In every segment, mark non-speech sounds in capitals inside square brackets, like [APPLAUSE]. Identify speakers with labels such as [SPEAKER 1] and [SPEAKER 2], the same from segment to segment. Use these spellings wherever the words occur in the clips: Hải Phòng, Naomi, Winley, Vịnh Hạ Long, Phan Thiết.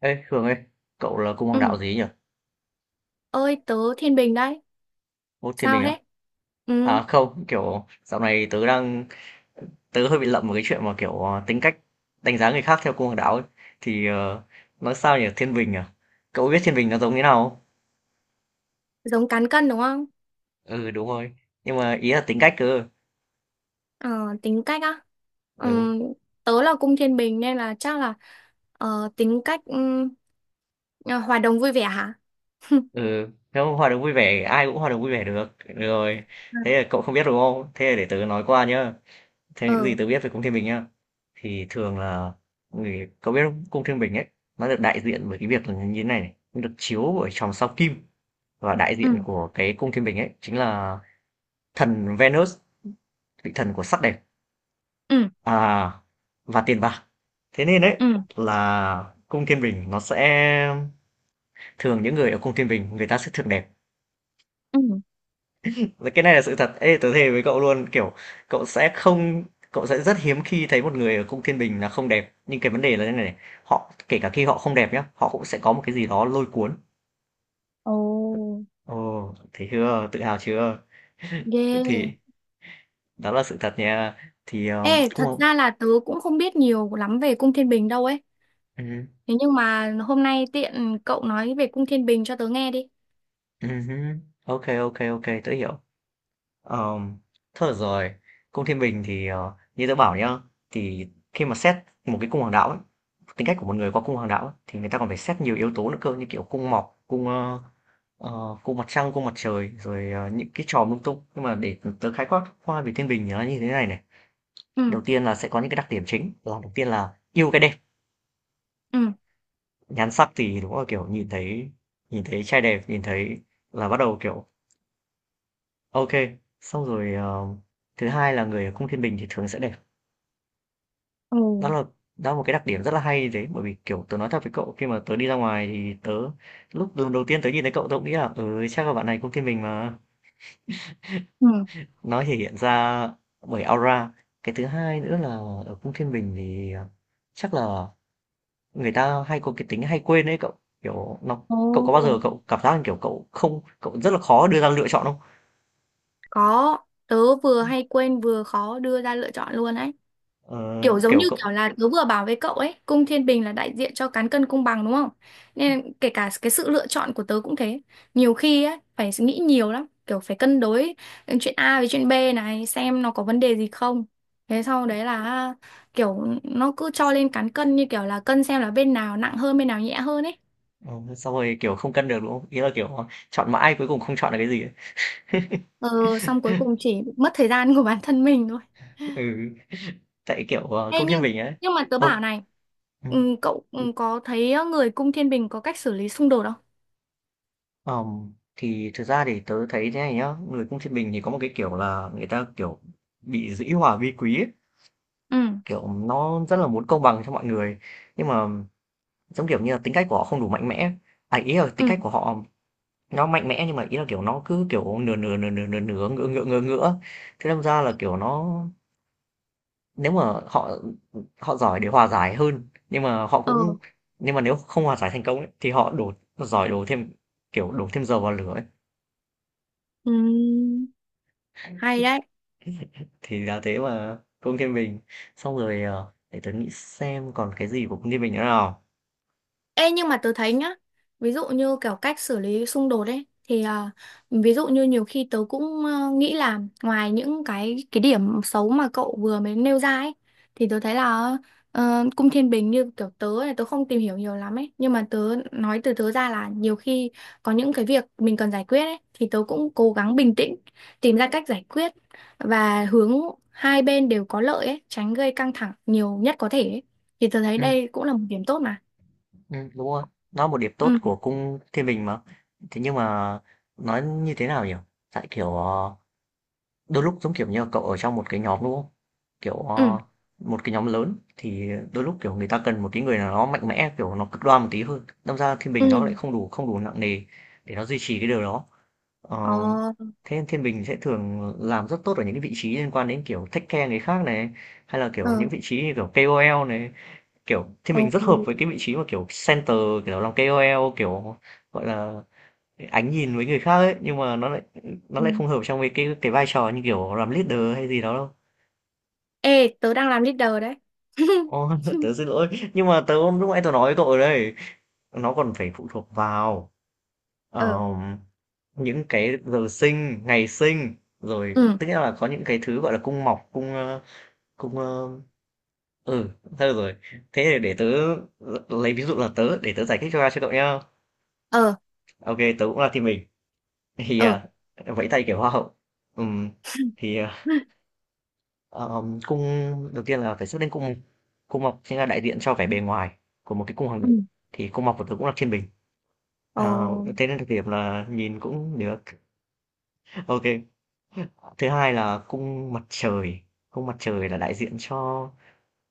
[SPEAKER 1] Ê, Hường ơi, cậu là cung hoàng
[SPEAKER 2] Ừ.
[SPEAKER 1] đạo gì nhỉ?
[SPEAKER 2] Ơi tớ Thiên Bình đấy.
[SPEAKER 1] Ô, thiên
[SPEAKER 2] Sao
[SPEAKER 1] bình á?
[SPEAKER 2] thế? Ừ.
[SPEAKER 1] À không, kiểu dạo này tớ hơi bị lậm một cái chuyện mà kiểu tính cách đánh giá người khác theo cung hoàng đạo ấy. Thì nói sao nhỉ, thiên bình à? Cậu biết thiên bình nó giống như nào không?
[SPEAKER 2] Giống cán cân đúng không?
[SPEAKER 1] Ừ đúng rồi. Nhưng mà ý là tính cách cơ.
[SPEAKER 2] Ờ, tính cách á.
[SPEAKER 1] Ừ,
[SPEAKER 2] Ừ. Tớ là cung Thiên Bình nên là chắc là tính cách hòa đồng vui vẻ hả? [LAUGHS]
[SPEAKER 1] ừ. Nếu hòa đồng vui vẻ, ai cũng hòa đồng vui vẻ được. Được rồi. Thế là cậu không biết đúng không? Thế là để tớ nói qua nhá. Theo những gì
[SPEAKER 2] Ừ.
[SPEAKER 1] tớ biết về cung thiên bình nhá. Thì thường là người có biết không? Cung Thiên Bình ấy, nó được đại diện bởi cái việc là như thế này này, nó được chiếu bởi chòm sao Kim và đại
[SPEAKER 2] Ừ.
[SPEAKER 1] diện
[SPEAKER 2] Ừ.
[SPEAKER 1] của cái Cung Thiên Bình ấy chính là thần Venus, vị thần của sắc đẹp
[SPEAKER 2] Ừ.
[SPEAKER 1] à, và tiền bạc. Thế nên đấy
[SPEAKER 2] Ừ.
[SPEAKER 1] là Cung Thiên Bình nó sẽ thường những người ở Cung Thiên Bình người ta sẽ thường đẹp.
[SPEAKER 2] Ừ.
[SPEAKER 1] Rồi cái này là sự thật. Ê, tớ thề với cậu luôn, kiểu cậu sẽ không cậu sẽ rất hiếm khi thấy một người ở cung thiên bình là không đẹp. Nhưng cái vấn đề là thế này này, họ kể cả khi họ không đẹp nhá, họ cũng sẽ có một cái gì đó lôi cuốn.
[SPEAKER 2] Ồ,
[SPEAKER 1] Ồ, thấy chưa? Tự hào chưa? [LAUGHS]
[SPEAKER 2] ghê.
[SPEAKER 1] Thì đó là sự thật nha. Thì
[SPEAKER 2] Ê,
[SPEAKER 1] cũng
[SPEAKER 2] thật
[SPEAKER 1] không.
[SPEAKER 2] ra là tớ cũng không biết nhiều lắm về cung Thiên Bình đâu ấy.
[SPEAKER 1] Ừ,
[SPEAKER 2] Thế nhưng mà hôm nay tiện cậu nói về cung Thiên Bình cho tớ nghe đi.
[SPEAKER 1] ừ, ok ok ok, tớ hiểu. Ờ, thôi được rồi. Cung Thiên Bình thì như tớ bảo nhá, thì khi mà xét một cái cung hoàng đạo ấy, tính cách của một người qua cung hoàng đạo ấy, thì người ta còn phải xét nhiều yếu tố nữa cơ như kiểu cung mọc, cung mặt trăng, cung mặt trời, rồi những cái trò lung tung. Nhưng mà để tớ khái quát qua về Thiên Bình thì nó như thế này này.
[SPEAKER 2] Ừ.
[SPEAKER 1] Đầu tiên là sẽ có những cái đặc điểm chính. Là đầu tiên là yêu cái đẹp,
[SPEAKER 2] Ừ.
[SPEAKER 1] nhan sắc thì đúng là kiểu nhìn thấy trai đẹp, nhìn thấy là bắt đầu kiểu ok. Xong rồi thứ hai là người ở cung Thiên Bình thì thường sẽ đẹp.
[SPEAKER 2] Ừ.
[SPEAKER 1] Đó là đó là một cái đặc điểm rất là hay đấy, bởi vì, kiểu, tớ nói thật với cậu khi mà tớ đi ra ngoài thì tớ lúc lần đầu tiên tớ nhìn thấy cậu tớ cũng nghĩ là "Ừ, chắc là bạn này cũng thiên bình mà."
[SPEAKER 2] Ừ.
[SPEAKER 1] Nó thể hiện ra bởi aura. Cái thứ hai nữa là ở cung thiên bình thì, chắc là người ta hay có cái tính hay quên đấy cậu, kiểu, nó cậu có bao giờ
[SPEAKER 2] Ồ.
[SPEAKER 1] cậu cảm giác, kiểu, cậu không cậu rất là khó đưa ra lựa chọn không?
[SPEAKER 2] Có, tớ vừa hay quên vừa khó đưa ra lựa chọn luôn ấy.
[SPEAKER 1] Ờ,
[SPEAKER 2] Kiểu giống
[SPEAKER 1] kiểu,
[SPEAKER 2] như kiểu là tớ vừa bảo với cậu ấy, cung thiên bình là đại diện cho cán cân công bằng đúng không? Nên kể cả cái sự lựa chọn của tớ cũng thế. Nhiều khi ấy, phải nghĩ nhiều lắm, kiểu phải cân đối chuyện A với chuyện B này, xem nó có vấn đề gì không. Thế sau đấy là kiểu nó cứ cho
[SPEAKER 1] s
[SPEAKER 2] lên cán cân như kiểu là cân xem là bên nào nặng hơn, bên nào nhẹ hơn ấy.
[SPEAKER 1] ờ, xong rồi, kiểu, không cân được, đúng không? Ý là, kiểu, chọn mãi cuối cùng không chọn được cái gì ấy.
[SPEAKER 2] Ờ, xong cuối cùng chỉ mất thời gian của bản thân mình thôi.
[SPEAKER 1] Ừ, tại, kiểu,
[SPEAKER 2] Ê,
[SPEAKER 1] cung thiên
[SPEAKER 2] nhưng
[SPEAKER 1] bình ấy
[SPEAKER 2] nhưng mà tớ
[SPEAKER 1] ờ.
[SPEAKER 2] bảo này,
[SPEAKER 1] Ừm,
[SPEAKER 2] cậu có thấy người cung thiên bình có cách xử lý xung đột không?
[SPEAKER 1] thì thực ra thì tớ thấy thế này nhá, người cung Thiên Bình thì có một cái, kiểu là, người ta, kiểu, bị dĩ hòa vi quý ấy,
[SPEAKER 2] Ừ.
[SPEAKER 1] kiểu, nó rất là muốn công bằng cho mọi người. Nhưng mà, giống kiểu như là, tính cách của họ không đủ mạnh mẽ, à, ý là tính
[SPEAKER 2] Ừ.
[SPEAKER 1] cách của họ nó mạnh mẽ nhưng mà ý là, kiểu, nó cứ, kiểu, nửa nửa, ngửa ngửa. Thế đâm ra là, kiểu, nó nếu mà họ họ giỏi để hòa giải hơn, nhưng mà họ
[SPEAKER 2] Ờ.
[SPEAKER 1] cũng nhưng mà nếu không hòa giải thành công ấy, thì họ đổ giỏi đổ thêm, kiểu, đổ thêm dầu vào lửa ấy.
[SPEAKER 2] Ừ. Hay đấy.
[SPEAKER 1] Thì là thế mà, Cung Thiên Bình. Xong rồi, để tớ nghĩ xem còn cái gì của Cung Thiên Bình nữa nào.
[SPEAKER 2] Ê, nhưng mà tớ thấy nhá, ví dụ như kiểu cách xử lý xung đột ấy thì ví dụ như nhiều khi tớ cũng nghĩ là ngoài những cái điểm xấu mà cậu vừa mới nêu ra ấy thì tớ thấy là cung thiên bình như kiểu tớ này, tớ không tìm hiểu nhiều lắm ấy, nhưng mà tớ nói từ tớ ra là nhiều khi có những cái việc mình cần giải quyết ấy thì tớ cũng cố gắng bình tĩnh, tìm ra cách giải quyết và hướng hai bên đều có lợi ấy, tránh gây căng thẳng nhiều nhất có thể ấy. Thì tớ thấy
[SPEAKER 1] Ừm,
[SPEAKER 2] đây cũng là một điểm tốt mà.
[SPEAKER 1] đúng rồi, nó là một điểm tốt
[SPEAKER 2] Ừ.
[SPEAKER 1] của Cung Thiên Bình mà. Thế nhưng mà nói như thế nào nhỉ? Tại kiểu, đôi lúc giống kiểu như là cậu ở trong một cái nhóm đúng không? Kiểu,
[SPEAKER 2] Ừ,
[SPEAKER 1] một cái nhóm lớn thì đôi lúc kiểu người ta cần một cái người nào đó mạnh mẽ, kiểu nó cực đoan một tí hơn. Đâm ra Thiên
[SPEAKER 2] ừ,
[SPEAKER 1] Bình nó lại không đủ nặng nề để nó duy trì cái điều đó. Ờ,
[SPEAKER 2] ờ,
[SPEAKER 1] thế Thiên Bình sẽ thường làm rất tốt ở những cái vị trí liên quan đến, kiểu, take care người khác này, hay là,
[SPEAKER 2] ờ,
[SPEAKER 1] kiểu, những vị trí như, kiểu, KOL này. Kiểu, Thiên
[SPEAKER 2] ờ,
[SPEAKER 1] Bình rất hợp với cái vị trí mà, kiểu, center, kiểu, làm KOL, kiểu, gọi là, ánh nhìn với người khác ấy, nhưng mà nó
[SPEAKER 2] ừ.
[SPEAKER 1] lại không hợp trong cái vai trò như, kiểu, làm leader hay gì đó đâu.
[SPEAKER 2] Ê, tớ đang làm leader đấy.
[SPEAKER 1] Ô, [LAUGHS] tớ
[SPEAKER 2] [LAUGHS]
[SPEAKER 1] xin lỗi, nhưng mà lúc nãy tớ nói với cậu rồi đấy, nó còn phải phụ thuộc vào, ờ
[SPEAKER 2] Ờ,
[SPEAKER 1] những cái giờ sinh, ngày sinh, rồi
[SPEAKER 2] ừ,
[SPEAKER 1] tức nghĩa là có những cái thứ, gọi là, cung mọc, cung, ơ ừ, thôi rồi. Thế thì để tớ lấy ví dụ là tớ, để tớ giải thích cho cậu nhá.
[SPEAKER 2] ờ,
[SPEAKER 1] Ô kê, tớ cũng là team mình, thì,
[SPEAKER 2] ờ,
[SPEAKER 1] à, vẫy tay kiểu hoa hậu. Ừm, thì, à, cung đầu tiên là phải xuất lên cung cung mọc chính là đại diện cho vẻ bề ngoài của một cái cung hoàng
[SPEAKER 2] ừ,
[SPEAKER 1] đạo, thì cung mọc của tớ cũng là thiên bình,
[SPEAKER 2] ờ,
[SPEAKER 1] ờ, thế nên đặc điểm là nhìn cũng được. [LAUGHS] Ok. Thứ hai là cung mặt trời là đại diện cho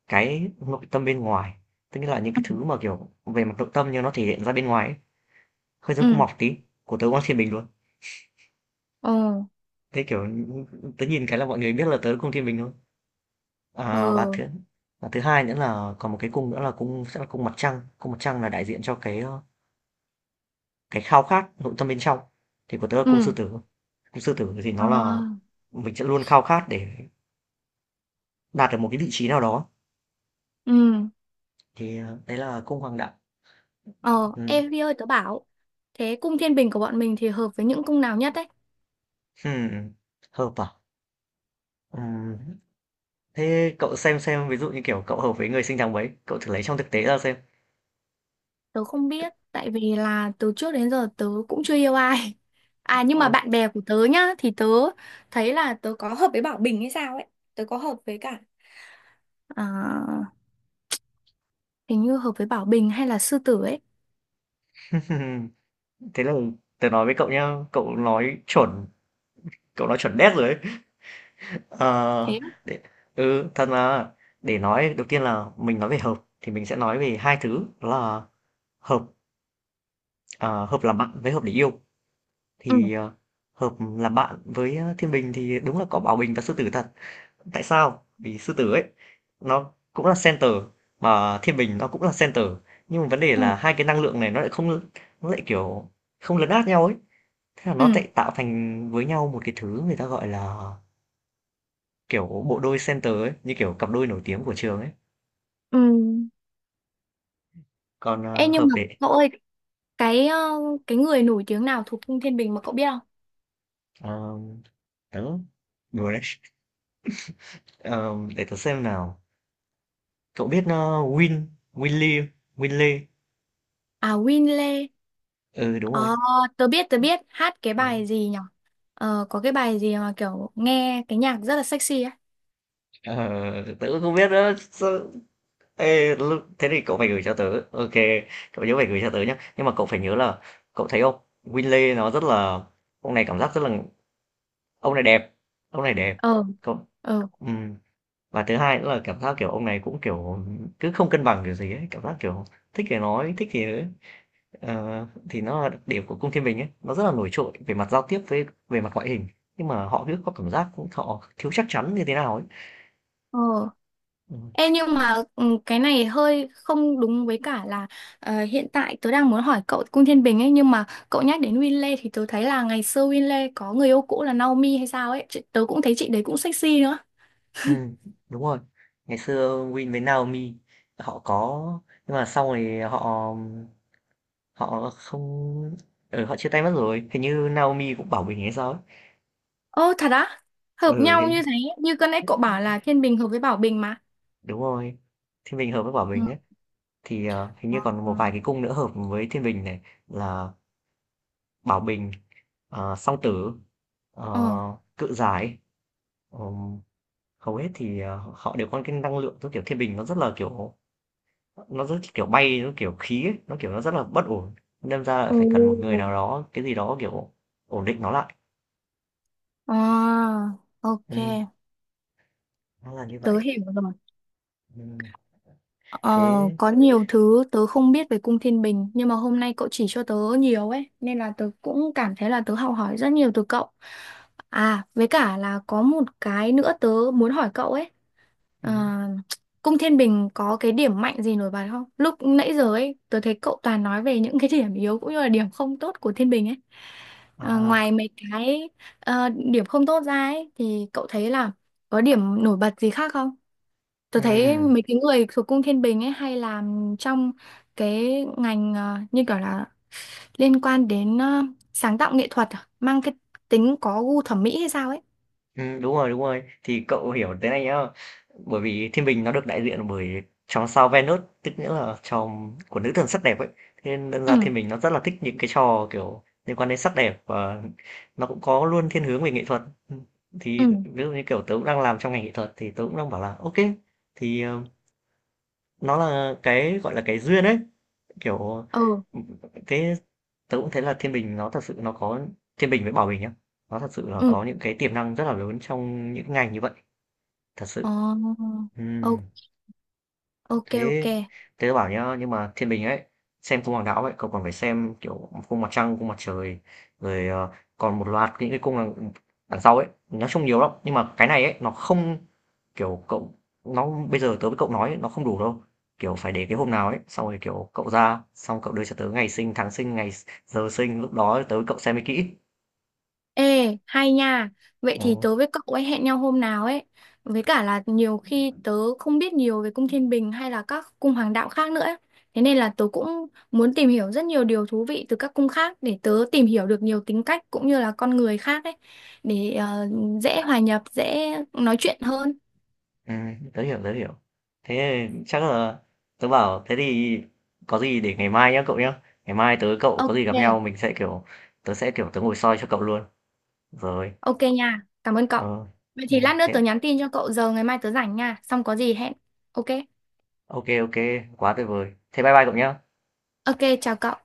[SPEAKER 1] cái nội tâm bên ngoài, tức là những cái
[SPEAKER 2] ừ,
[SPEAKER 1] thứ mà, kiểu, về mặt nội tâm nhưng nó thể hiện ra bên ngoài ấy, hơi giống cung
[SPEAKER 2] ừ,
[SPEAKER 1] mọc tí, của tớ Quang Thiên Bình luôn.
[SPEAKER 2] ờ,
[SPEAKER 1] Thế, kiểu, tớ nhìn cái là mọi người biết là tớ cung Thiên Bình luôn. À,
[SPEAKER 2] ờ,
[SPEAKER 1] và thứ hai nữa là còn một cái cung nữa là cung sẽ là cung mặt trăng là đại diện cho cái, ơ, cái khao khát nội tâm bên trong, thì của tớ là cung Sư
[SPEAKER 2] ừ,
[SPEAKER 1] Tử. Cung Sư Tử thì
[SPEAKER 2] ờ,
[SPEAKER 1] nó là mình sẽ luôn khao khát để đạt được một cái vị trí nào đó,
[SPEAKER 2] ừ,
[SPEAKER 1] thì, đấy là cung Hoàng đạo.
[SPEAKER 2] ờ.
[SPEAKER 1] Ừm.
[SPEAKER 2] Ê, Vi ơi, tớ bảo, thế cung thiên bình của bọn mình thì hợp với những cung nào nhất đấy?
[SPEAKER 1] Ừm, hợp à? Ừm, thế cậu xem, ví dụ như, kiểu, cậu hợp với người sinh tháng mấy, cậu thử lấy trong thực tế ra xem.
[SPEAKER 2] Tớ không biết, tại vì là từ trước đến giờ tớ cũng chưa yêu ai. [LAUGHS] À, nhưng mà
[SPEAKER 1] Ôi,
[SPEAKER 2] bạn bè của tớ nhá, thì tớ thấy là tớ có hợp với Bảo Bình hay sao ấy. Tớ có hợp với cả à, hình như hợp với Bảo Bình hay là Sư Tử ấy.
[SPEAKER 1] [LAUGHS] thế là tớ nói với cậu nhá, cậu nói chuẩn đét rồi ấy.
[SPEAKER 2] Thế
[SPEAKER 1] Ờ,
[SPEAKER 2] á?
[SPEAKER 1] để ừ, thật mà, để nói đầu tiên là mình nói về hợp thì mình sẽ nói về 2 thứ, đó là hợp, ờ, hợp làm bạn với hợp để yêu.
[SPEAKER 2] Ừ.
[SPEAKER 1] Thì, hợp làm bạn với, a, thiên bình thì đúng là có Bảo Bình và Sư Tử thật. Tại sao? Vì sư tử ấy nó cũng là center mà thiên bình nó cũng là center nhưng mà vấn đề
[SPEAKER 2] Ừ.
[SPEAKER 1] là hai cái năng lượng này nó lại kiểu không lấn át nhau ấy thế là nó
[SPEAKER 2] Ừ.
[SPEAKER 1] lại tạo thành với nhau một cái thứ người ta gọi là kiểu bộ đôi center ấy như kiểu cặp đôi nổi tiếng của trường ấy
[SPEAKER 2] Ừ.
[SPEAKER 1] còn
[SPEAKER 2] Ê, nhưng
[SPEAKER 1] hợp
[SPEAKER 2] mà
[SPEAKER 1] để
[SPEAKER 2] cậu ơi, cái ờ, cái người nổi tiếng nào thuộc cung Thiên Bình mà cậu biết không?
[SPEAKER 1] um, đó đùa đấy. Ờ, để tớ xem nào cậu biết Win Winley Winley
[SPEAKER 2] À, Winley.
[SPEAKER 1] ừ đúng
[SPEAKER 2] Ờ,
[SPEAKER 1] rồi.
[SPEAKER 2] tớ biết hát cái
[SPEAKER 1] Đúng.
[SPEAKER 2] bài gì nhở. Ờ, có cái bài gì mà kiểu nghe cái nhạc rất là sexy ấy.
[SPEAKER 1] Ờ, tớ cũng không biết nữa sao, Ê, thế thì cậu phải gửi cho tớ ok cậu nhớ phải gửi cho tớ nhé nhưng mà cậu phải nhớ là cậu thấy không Winley nó rất là ông này cảm giác rất là ông này đẹp ông này đẹp
[SPEAKER 2] Ờ,
[SPEAKER 1] cậu
[SPEAKER 2] ờ,
[SPEAKER 1] ừm, và thứ hai nữa là cảm giác kiểu ông này cũng kiểu cứ không cân bằng kiểu gì ấy cảm giác kiểu thích thì nói thích thì ờ, thì nó là đặc điểm của cung thiên bình ấy nó rất là nổi trội về mặt giao tiếp với về mặt ngoại hình nhưng mà họ cứ có cảm giác họ thiếu chắc chắn như thế nào ấy.
[SPEAKER 2] ờ.
[SPEAKER 1] Ừ.
[SPEAKER 2] Ê, nhưng mà cái này hơi không đúng với cả là hiện tại tớ đang muốn hỏi cậu Cung Thiên Bình ấy, nhưng mà cậu nhắc đến Winley thì tớ thấy là ngày xưa Winley có người yêu cũ là Naomi hay sao ấy. Tớ cũng thấy chị đấy cũng sexy nữa.
[SPEAKER 1] Ừm, đúng rồi. Ngày xưa Win với Naomi họ có nhưng mà sau này họ họ không ừ, họ chia tay mất rồi. Hình như Naomi cũng Bảo Bình hay sao ấy.
[SPEAKER 2] Ô thật á? Hợp
[SPEAKER 1] Ừ,
[SPEAKER 2] nhau
[SPEAKER 1] cái
[SPEAKER 2] như thế, như cái nãy cậu bảo là Thiên Bình hợp với Bảo Bình mà.
[SPEAKER 1] đúng rồi. Thiên Bình hợp với Bảo
[SPEAKER 2] Ừ.
[SPEAKER 1] Bình ấy thì hình như còn một vài cái cung nữa hợp với Thiên Bình này là Bảo Bình, Song Tử,
[SPEAKER 2] Ờ.
[SPEAKER 1] Cự Giải. Ừm, hầu hết thì họ đều có cái năng lượng giống kiểu Thiên Bình nó rất là kiểu nó rất kiểu bay nó kiểu khí ấy, nó kiểu nó rất là bất ổn đâm ra là
[SPEAKER 2] Ồ.
[SPEAKER 1] phải cần một người nào đó cái gì đó kiểu ổn định nó lại
[SPEAKER 2] Ờ. Ok,
[SPEAKER 1] ừ, nó là như
[SPEAKER 2] tớ
[SPEAKER 1] vậy
[SPEAKER 2] hiểu rồi.
[SPEAKER 1] ừ,
[SPEAKER 2] Ờ,
[SPEAKER 1] thế
[SPEAKER 2] có nhiều thứ tớ không biết về cung Thiên Bình nhưng mà hôm nay cậu chỉ cho tớ nhiều ấy nên là tớ cũng cảm thấy là tớ học hỏi rất nhiều từ cậu. À, với cả là có một cái nữa tớ muốn hỏi cậu ấy.
[SPEAKER 1] ừ,
[SPEAKER 2] À, cung Thiên Bình có cái điểm mạnh gì nổi bật không? Lúc nãy giờ ấy tớ thấy cậu toàn nói về những cái điểm yếu cũng như là điểm không tốt của Thiên Bình ấy.
[SPEAKER 1] à
[SPEAKER 2] Ngoài mấy điểm không tốt ra ấy thì cậu thấy là có điểm nổi bật gì khác không? Tôi thấy
[SPEAKER 1] ừ.
[SPEAKER 2] mấy cái người thuộc cung Thiên Bình ấy hay làm trong cái ngành như kiểu là liên quan đến sáng tạo nghệ thuật à? Mang cái tính có gu thẩm mỹ hay sao ấy.
[SPEAKER 1] Đúng rồi, đúng rồi. Thì cậu hiểu thế này nhá, bởi vì thiên bình nó được đại diện bởi chòm sao Venus, tức nghĩa là chòm của nữ thần sắc đẹp ấy. Thế nên đâm ra
[SPEAKER 2] Ừ.
[SPEAKER 1] thiên bình nó rất là thích những cái trò, kiểu, liên quan đến sắc đẹp và nó cũng có luôn thiên hướng về nghệ thuật. Ừm,
[SPEAKER 2] Ừ.
[SPEAKER 1] thì ví dụ như, kiểu, tớ cũng đang làm trong ngành nghệ thuật thì tớ cũng đang bảo là ok thì, nó là cái, gọi là, cái duyên ấy, kiểu,
[SPEAKER 2] Ừ,
[SPEAKER 1] ừm, thế tớ cũng thấy là Thiên Bình với Bảo Bình nhá, nó thật sự là
[SPEAKER 2] ừ.
[SPEAKER 1] có những cái tiềm năng rất là lớn trong những ngành như vậy, thật
[SPEAKER 2] Ờ,
[SPEAKER 1] sự.
[SPEAKER 2] ô-
[SPEAKER 1] Ừm.
[SPEAKER 2] ok ok.
[SPEAKER 1] Thế thế tớ bảo nhá, nhưng mà thiên bình ấy, xem cung hoàng đạo ấy, cậu còn phải xem kiểu cung mặt trăng, cung mặt trời, rồi còn một loạt những cái đằng sau ấy, nói chung nhiều lắm. Nhưng mà cái này ấy, nó không kiểu cậu, nó bây giờ tớ với cậu nói ấy, nó không đủ đâu. Kiểu phải để cái hôm nào ấy, xong rồi kiểu cậu ra, xong cậu đưa cho tớ ngày sinh, tháng sinh, giờ sinh, lúc đó tớ với cậu xem mới kỹ.
[SPEAKER 2] Ê, hay nha. Vậy thì
[SPEAKER 1] Ừ.
[SPEAKER 2] tớ với cậu ấy hẹn nhau hôm nào ấy. Với cả là nhiều khi tớ không biết nhiều về cung Thiên Bình hay là các cung hoàng đạo khác nữa ấy. Thế nên là tớ cũng muốn tìm hiểu rất nhiều điều thú vị từ các cung khác để tớ tìm hiểu được nhiều tính cách cũng như là con người khác ấy. Để dễ hòa nhập, dễ nói chuyện hơn.
[SPEAKER 1] À, tớ hiểu, tớ hiểu. Thế chắc là tớ bảo thế thì có gì để ngày mai nhá cậu nhá. Ngày mai tớ cậu có
[SPEAKER 2] Ok,
[SPEAKER 1] gì gặp nhau mình sẽ kiểu tớ ngồi soi cho cậu luôn. Rồi.
[SPEAKER 2] ok nha. Cảm ơn cậu.
[SPEAKER 1] Ờ.
[SPEAKER 2] Vậy
[SPEAKER 1] Ừ,
[SPEAKER 2] thì lát nữa
[SPEAKER 1] thế
[SPEAKER 2] tớ nhắn tin cho cậu giờ ngày mai tớ rảnh nha. Xong có gì hẹn. Ok,
[SPEAKER 1] ok ok, quá tuyệt vời. Thế bye bye cậu nhá.
[SPEAKER 2] ok, chào cậu.